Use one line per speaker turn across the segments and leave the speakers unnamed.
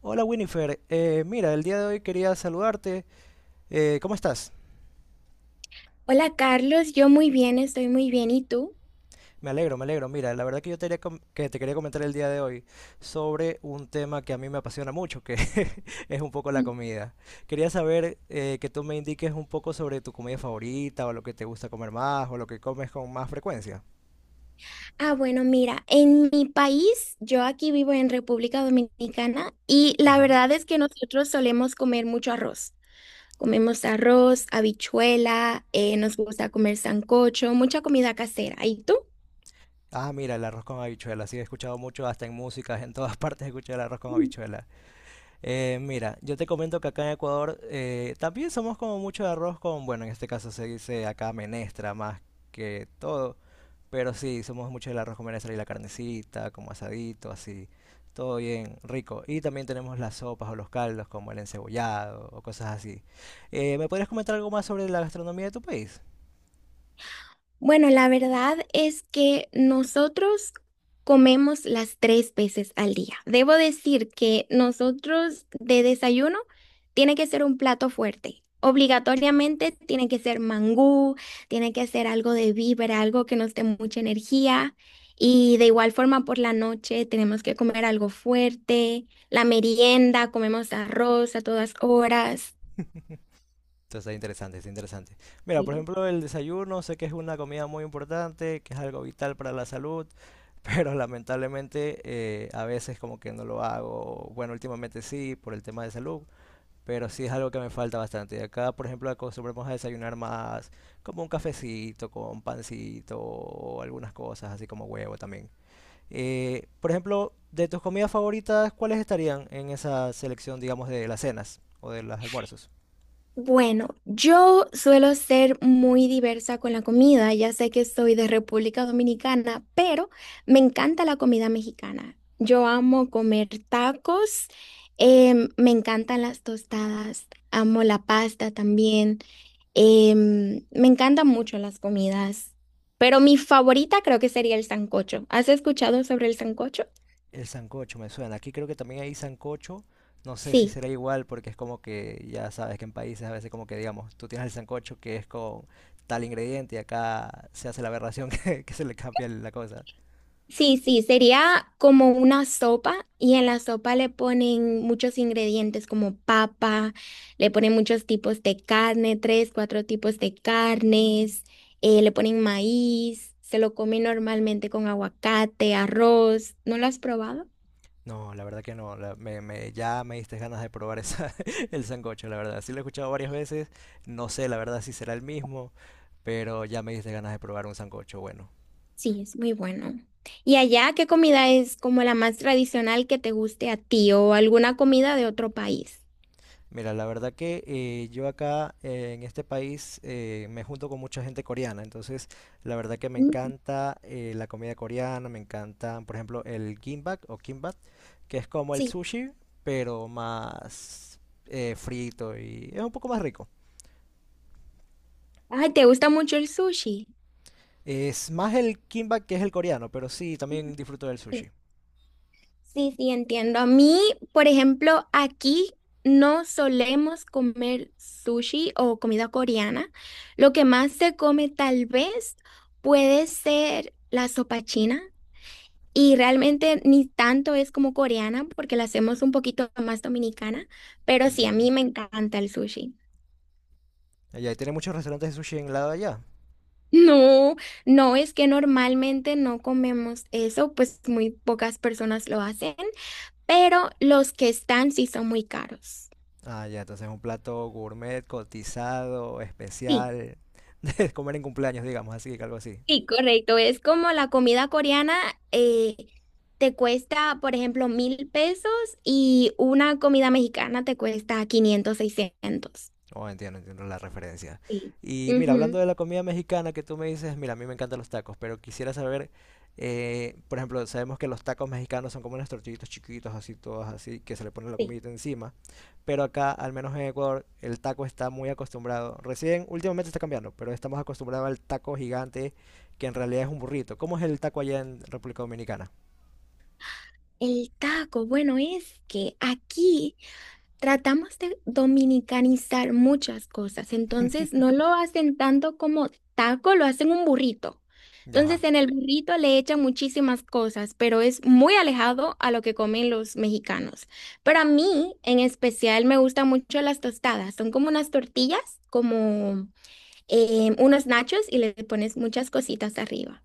Hola Winifred. Mira, el día de hoy quería saludarte. ¿Cómo estás?
Hola Carlos, yo muy bien, estoy muy bien. ¿Y tú?
Me alegro, me alegro. Mira, la verdad que yo te, haría que te quería comentar el día de hoy sobre un tema que a mí me apasiona mucho, que es un poco la comida. Quería saber que tú me indiques un poco sobre tu comida favorita o lo que te gusta comer más o lo que comes con más frecuencia.
Ah, bueno, mira, en mi país, yo aquí vivo en República Dominicana y la
Ajá.
verdad es que nosotros solemos comer mucho arroz. Comemos arroz, habichuela, nos gusta comer sancocho, mucha comida casera. ¿Y tú?
Ah, mira, el arroz con habichuela. Sí, he escuchado mucho, hasta en músicas, en todas partes he escuchado el arroz con habichuela. Mira, yo te comento que acá en Ecuador también somos como mucho de arroz con, bueno, en este caso se dice acá menestra más que todo, pero sí, somos mucho del arroz con menestra y la carnecita, como asadito, así, todo bien rico. Y también tenemos las sopas o los caldos como el encebollado o cosas así. ¿Me podrías comentar algo más sobre la gastronomía de tu país?
Bueno, la verdad es que nosotros comemos las tres veces al día. Debo decir que nosotros de desayuno tiene que ser un plato fuerte. Obligatoriamente tiene que ser mangú, tiene que ser algo de víbora, algo que nos dé mucha energía. Y de igual forma por la noche tenemos que comer algo fuerte. La merienda, comemos arroz a todas horas.
Esto está interesante, está interesante. Mira, por ejemplo, el desayuno, sé que es una comida muy importante, que es algo vital para la salud. Pero lamentablemente a veces como que no lo hago. Bueno, últimamente sí, por el tema de salud, pero sí es algo que me falta bastante. Y acá, por ejemplo, acostumbramos a desayunar más como un cafecito, con pancito o algunas cosas, así como huevo también. Por ejemplo, de tus comidas favoritas, ¿cuáles estarían en esa selección, digamos, de las cenas o de los almuerzos?
Bueno, yo suelo ser muy diversa con la comida, ya sé que soy de República Dominicana, pero me encanta la comida mexicana. Yo amo comer tacos, me encantan las tostadas, amo la pasta también, me encantan mucho las comidas, pero mi favorita creo que sería el sancocho. ¿Has escuchado sobre el sancocho?
El sancocho me suena. Aquí creo que también hay sancocho. No sé si
Sí.
será igual porque es como que ya sabes que en países a veces como que digamos, tú tienes el sancocho que es con tal ingrediente y acá se hace la aberración que se le cambia la cosa.
Sí, sí, sería como una sopa y en la sopa le ponen muchos ingredientes como papa, le ponen muchos tipos de carne, tres, cuatro tipos de carnes, le ponen maíz, se lo come normalmente con aguacate, arroz. ¿No lo has probado?
No, la verdad que no. Ya me diste ganas de probar esa, el sancocho, la verdad. Sí lo he escuchado varias veces. No sé, la verdad, si será el mismo, pero ya me diste ganas de probar un sancocho bueno.
Sí, es muy bueno. ¿Y allá qué comida es como la más tradicional que te guste a ti o alguna comida de otro país?
Mira, la verdad que yo acá en este país me junto con mucha gente coreana, entonces la verdad que me
Mm.
encanta la comida coreana, me encantan, por ejemplo, el gimbap o kimbap, que es como el
Sí.
sushi, pero más frito y es un poco más rico.
Ay, ¿te gusta mucho el sushi?
Es más el kimbap que es el coreano, pero sí, también disfruto del
Ujú.
sushi.
Sí, sí, entiendo. A mí, por ejemplo, aquí no solemos comer sushi o comida coreana. Lo que más se come tal vez puede ser la sopa china. Y realmente ni tanto es como coreana porque la hacemos un poquito más dominicana, pero sí, a mí
Entiendo.
me encanta el sushi.
Allá y tiene muchos restaurantes de sushi en el lado de allá.
No, no es que normalmente no comemos eso, pues muy pocas personas lo hacen, pero los que están sí son muy caros.
Ah, ya, entonces es un plato gourmet, cotizado,
Sí,
especial, de comer en cumpleaños, digamos, así, algo así.
sí, correcto. Es como la comida coreana, eh, te cuesta, por ejemplo, 1.000 pesos y una comida mexicana te cuesta 500, 600.
Oh, entiendo, entiendo la referencia.
Sí.
Y mira, hablando
Ujú.
de la comida mexicana que tú me dices, mira, a mí me encantan los tacos, pero quisiera saber, por ejemplo, sabemos que los tacos mexicanos son como unos tortillitos chiquitos, así, todos así, que se le pone la
Sí.
comidita encima, pero acá, al menos en Ecuador, el taco está muy acostumbrado. Recién, últimamente está cambiando, pero estamos acostumbrados al taco gigante, que en realidad es un burrito. ¿Cómo es el taco allá en República Dominicana?
El taco, bueno, es que aquí tratamos de dominicanizar muchas cosas, entonces no lo hacen tanto como taco, lo hacen un burrito.
Ya, ajá.
Entonces en el burrito le echan muchísimas cosas, pero es muy alejado a lo que comen los mexicanos. Pero a mí en especial me gustan mucho las tostadas, son como unas tortillas, como unos nachos y le pones muchas cositas arriba.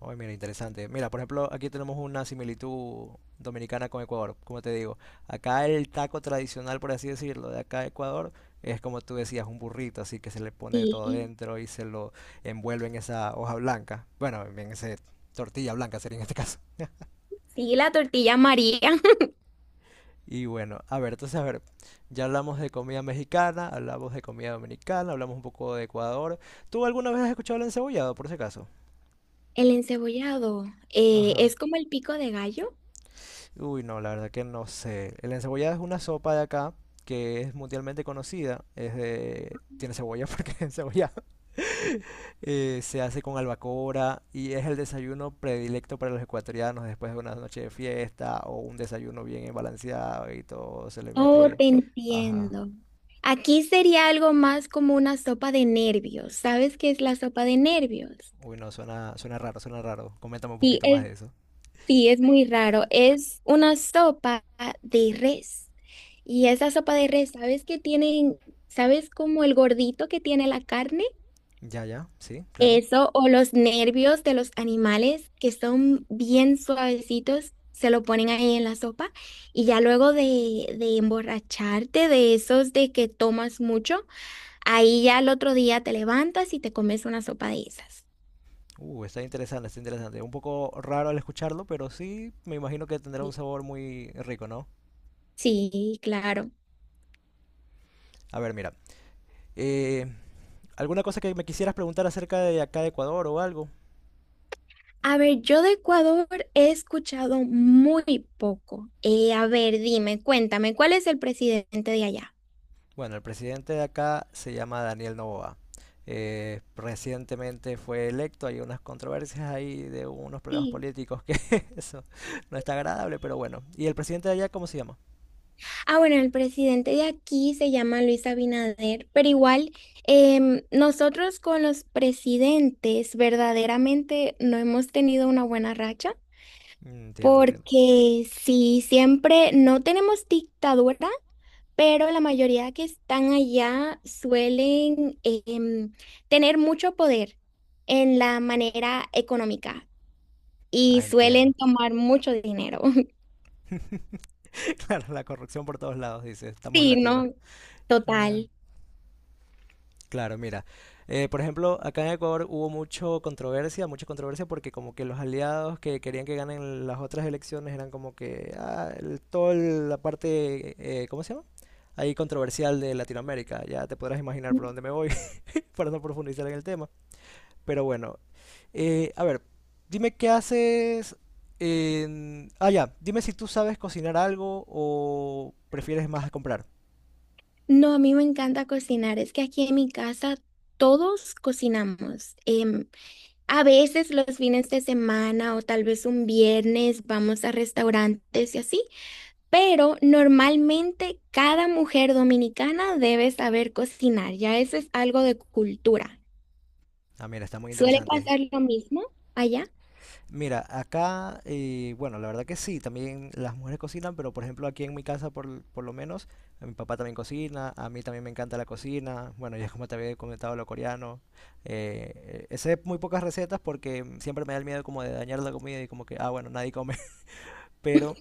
Oye, mira, interesante. Mira, por ejemplo, aquí tenemos una similitud dominicana con Ecuador. Como te digo, acá el taco tradicional, por así decirlo, de acá de Ecuador, es como tú decías, un burrito, así que se le pone todo
Sí,
dentro y se lo envuelve en esa hoja blanca. Bueno, en esa tortilla blanca sería en este caso.
sí, la tortilla María.
Y bueno, a ver, entonces, a ver, ya hablamos de comida mexicana, hablamos de comida dominicana, hablamos un poco de Ecuador. ¿Tú alguna vez has escuchado el encebollado, por ese caso?
El encebollado,
Ajá.
¿es como el pico de gallo?
Uy, no, la verdad que no sé. El encebollado es una sopa de acá que es mundialmente conocida. Es de... Tiene cebolla porque es encebollado. Se hace con albacora y es el desayuno predilecto para los ecuatorianos después de una noche de fiesta o un desayuno bien balanceado y todo se le
Oh,
mete.
te
Ajá.
entiendo. Aquí sería algo más como una sopa de nervios. ¿Sabes qué es la sopa de nervios?
Uy, no, suena, suena raro, suena raro. Coméntame un
Sí,
poquito más
es,
de eso.
sí, es muy raro. Es una sopa de res. Y esa sopa de res, ¿sabes qué tienen? ¿Sabes como el gordito que tiene la carne?
Ya, ya, sí, claro.
Eso, o los nervios de los animales que son bien suavecitos, se lo ponen ahí en la sopa y ya luego de emborracharte de esos de que tomas mucho, ahí ya al otro día te levantas y te comes una sopa de esas.
Está interesante, está interesante. Un poco raro al escucharlo, pero sí me imagino que tendrá un sabor muy rico, ¿no?
Sí, claro.
A ver, mira. eh, ¿Alguna cosa que me quisieras preguntar acerca de acá de Ecuador o algo?
A ver, yo de Ecuador he escuchado muy poco. A ver, dime, cuéntame, ¿cuál es el presidente de allá?
Bueno, el presidente de acá se llama Daniel Noboa. Recientemente fue electo, hay unas controversias ahí de unos problemas
Sí.
políticos que eso no está agradable, pero bueno. ¿Y el presidente de allá cómo se llama?
Ah, bueno, el presidente de aquí se llama Luis Abinader, pero igual nosotros con los presidentes verdaderamente no hemos tenido una buena racha,
Mm, entiendo, entiendo.
porque sí, siempre no tenemos dictadura, pero la mayoría que están allá suelen tener mucho poder en la manera económica y
Ah,
suelen
entiendo.
tomar mucho dinero.
Claro, la corrupción por todos lados, dice. Estamos en
Sí,
latino.
¿no?
Ah.
Total.
Claro, mira, por ejemplo, acá en Ecuador hubo mucho controversia, mucha controversia porque como que los aliados que querían que ganen las otras elecciones eran como que ah, toda la parte, ¿cómo se llama? Ahí controversial de Latinoamérica. Ya te podrás imaginar por dónde me voy para no profundizar en el tema. Pero bueno, a ver, dime qué haces en... Ah, ya, dime si tú sabes cocinar algo o prefieres más comprar.
No, a mí me encanta cocinar. Es que aquí en mi casa todos cocinamos. A veces los fines de semana o tal vez un viernes vamos a restaurantes y así, pero normalmente cada mujer dominicana debe saber cocinar. Ya eso es algo de cultura.
Ah, mira, está muy
¿Suele
interesante.
pasar lo mismo allá?
Mira, acá, bueno, la verdad que sí, también las mujeres cocinan, pero por ejemplo aquí en mi casa por lo menos, a mi papá también cocina, a mí también me encanta la cocina, bueno, ya como te había comentado lo coreano, sé muy pocas recetas porque siempre me da el miedo como de dañar la comida y como que, ah, bueno, nadie come, pero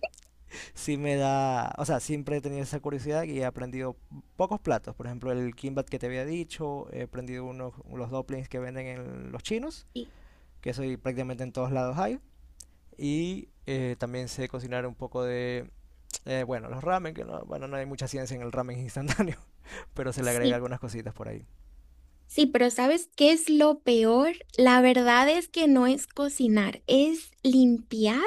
sí me da, o sea, siempre he tenido esa curiosidad y he aprendido pocos platos, por ejemplo el kimbap que te había dicho, he aprendido unos, los dumplings que venden en los chinos,
Sí,
que eso y prácticamente en todos lados hay. Y también sé cocinar un poco de, bueno, los ramen, que no, bueno, no hay mucha ciencia en el ramen instantáneo, pero se le agrega
sí,
algunas cositas por ahí.
sí, pero ¿sabes qué es lo peor? La verdad es que no es cocinar, es limpiar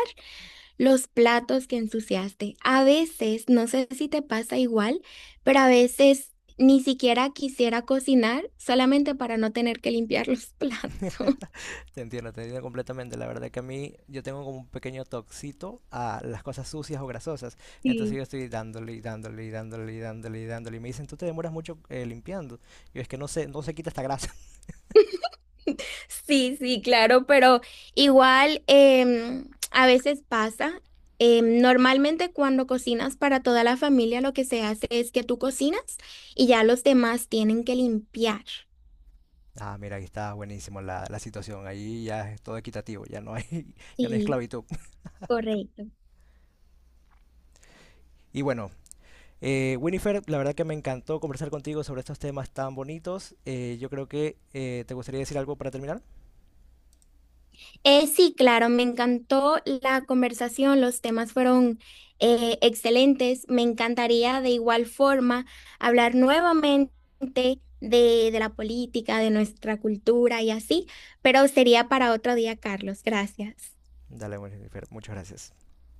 los platos que ensuciaste. A veces, no sé si te pasa igual, pero a veces ni siquiera quisiera cocinar solamente para no tener que limpiar los platos.
Te entiendo completamente. La verdad que a mí yo tengo como un pequeño toxito a las cosas sucias o grasosas. Entonces yo estoy dándole y dándole y dándole y dándole y dándole. Y me dicen, tú te demoras mucho limpiando. Yo es que no se quita esta grasa.
Sí, sí, claro, pero igual, a veces pasa. Em, normalmente cuando cocinas para toda la familia lo que se hace es que tú cocinas y ya los demás tienen que limpiar.
Ah, mira, aquí está buenísimo la, la situación. Ahí ya es todo equitativo, ya no hay, ya no hay
Sí,
esclavitud.
correcto.
Y bueno, Winifred, la verdad que me encantó conversar contigo sobre estos temas tan bonitos. Yo creo que te gustaría decir algo para terminar.
Sí, claro, me encantó la conversación, los temas fueron excelentes. Me encantaría de igual forma hablar nuevamente de la política, de nuestra cultura y así, pero sería para otro día, Carlos. Gracias.
Dale, Winifred, muchas gracias.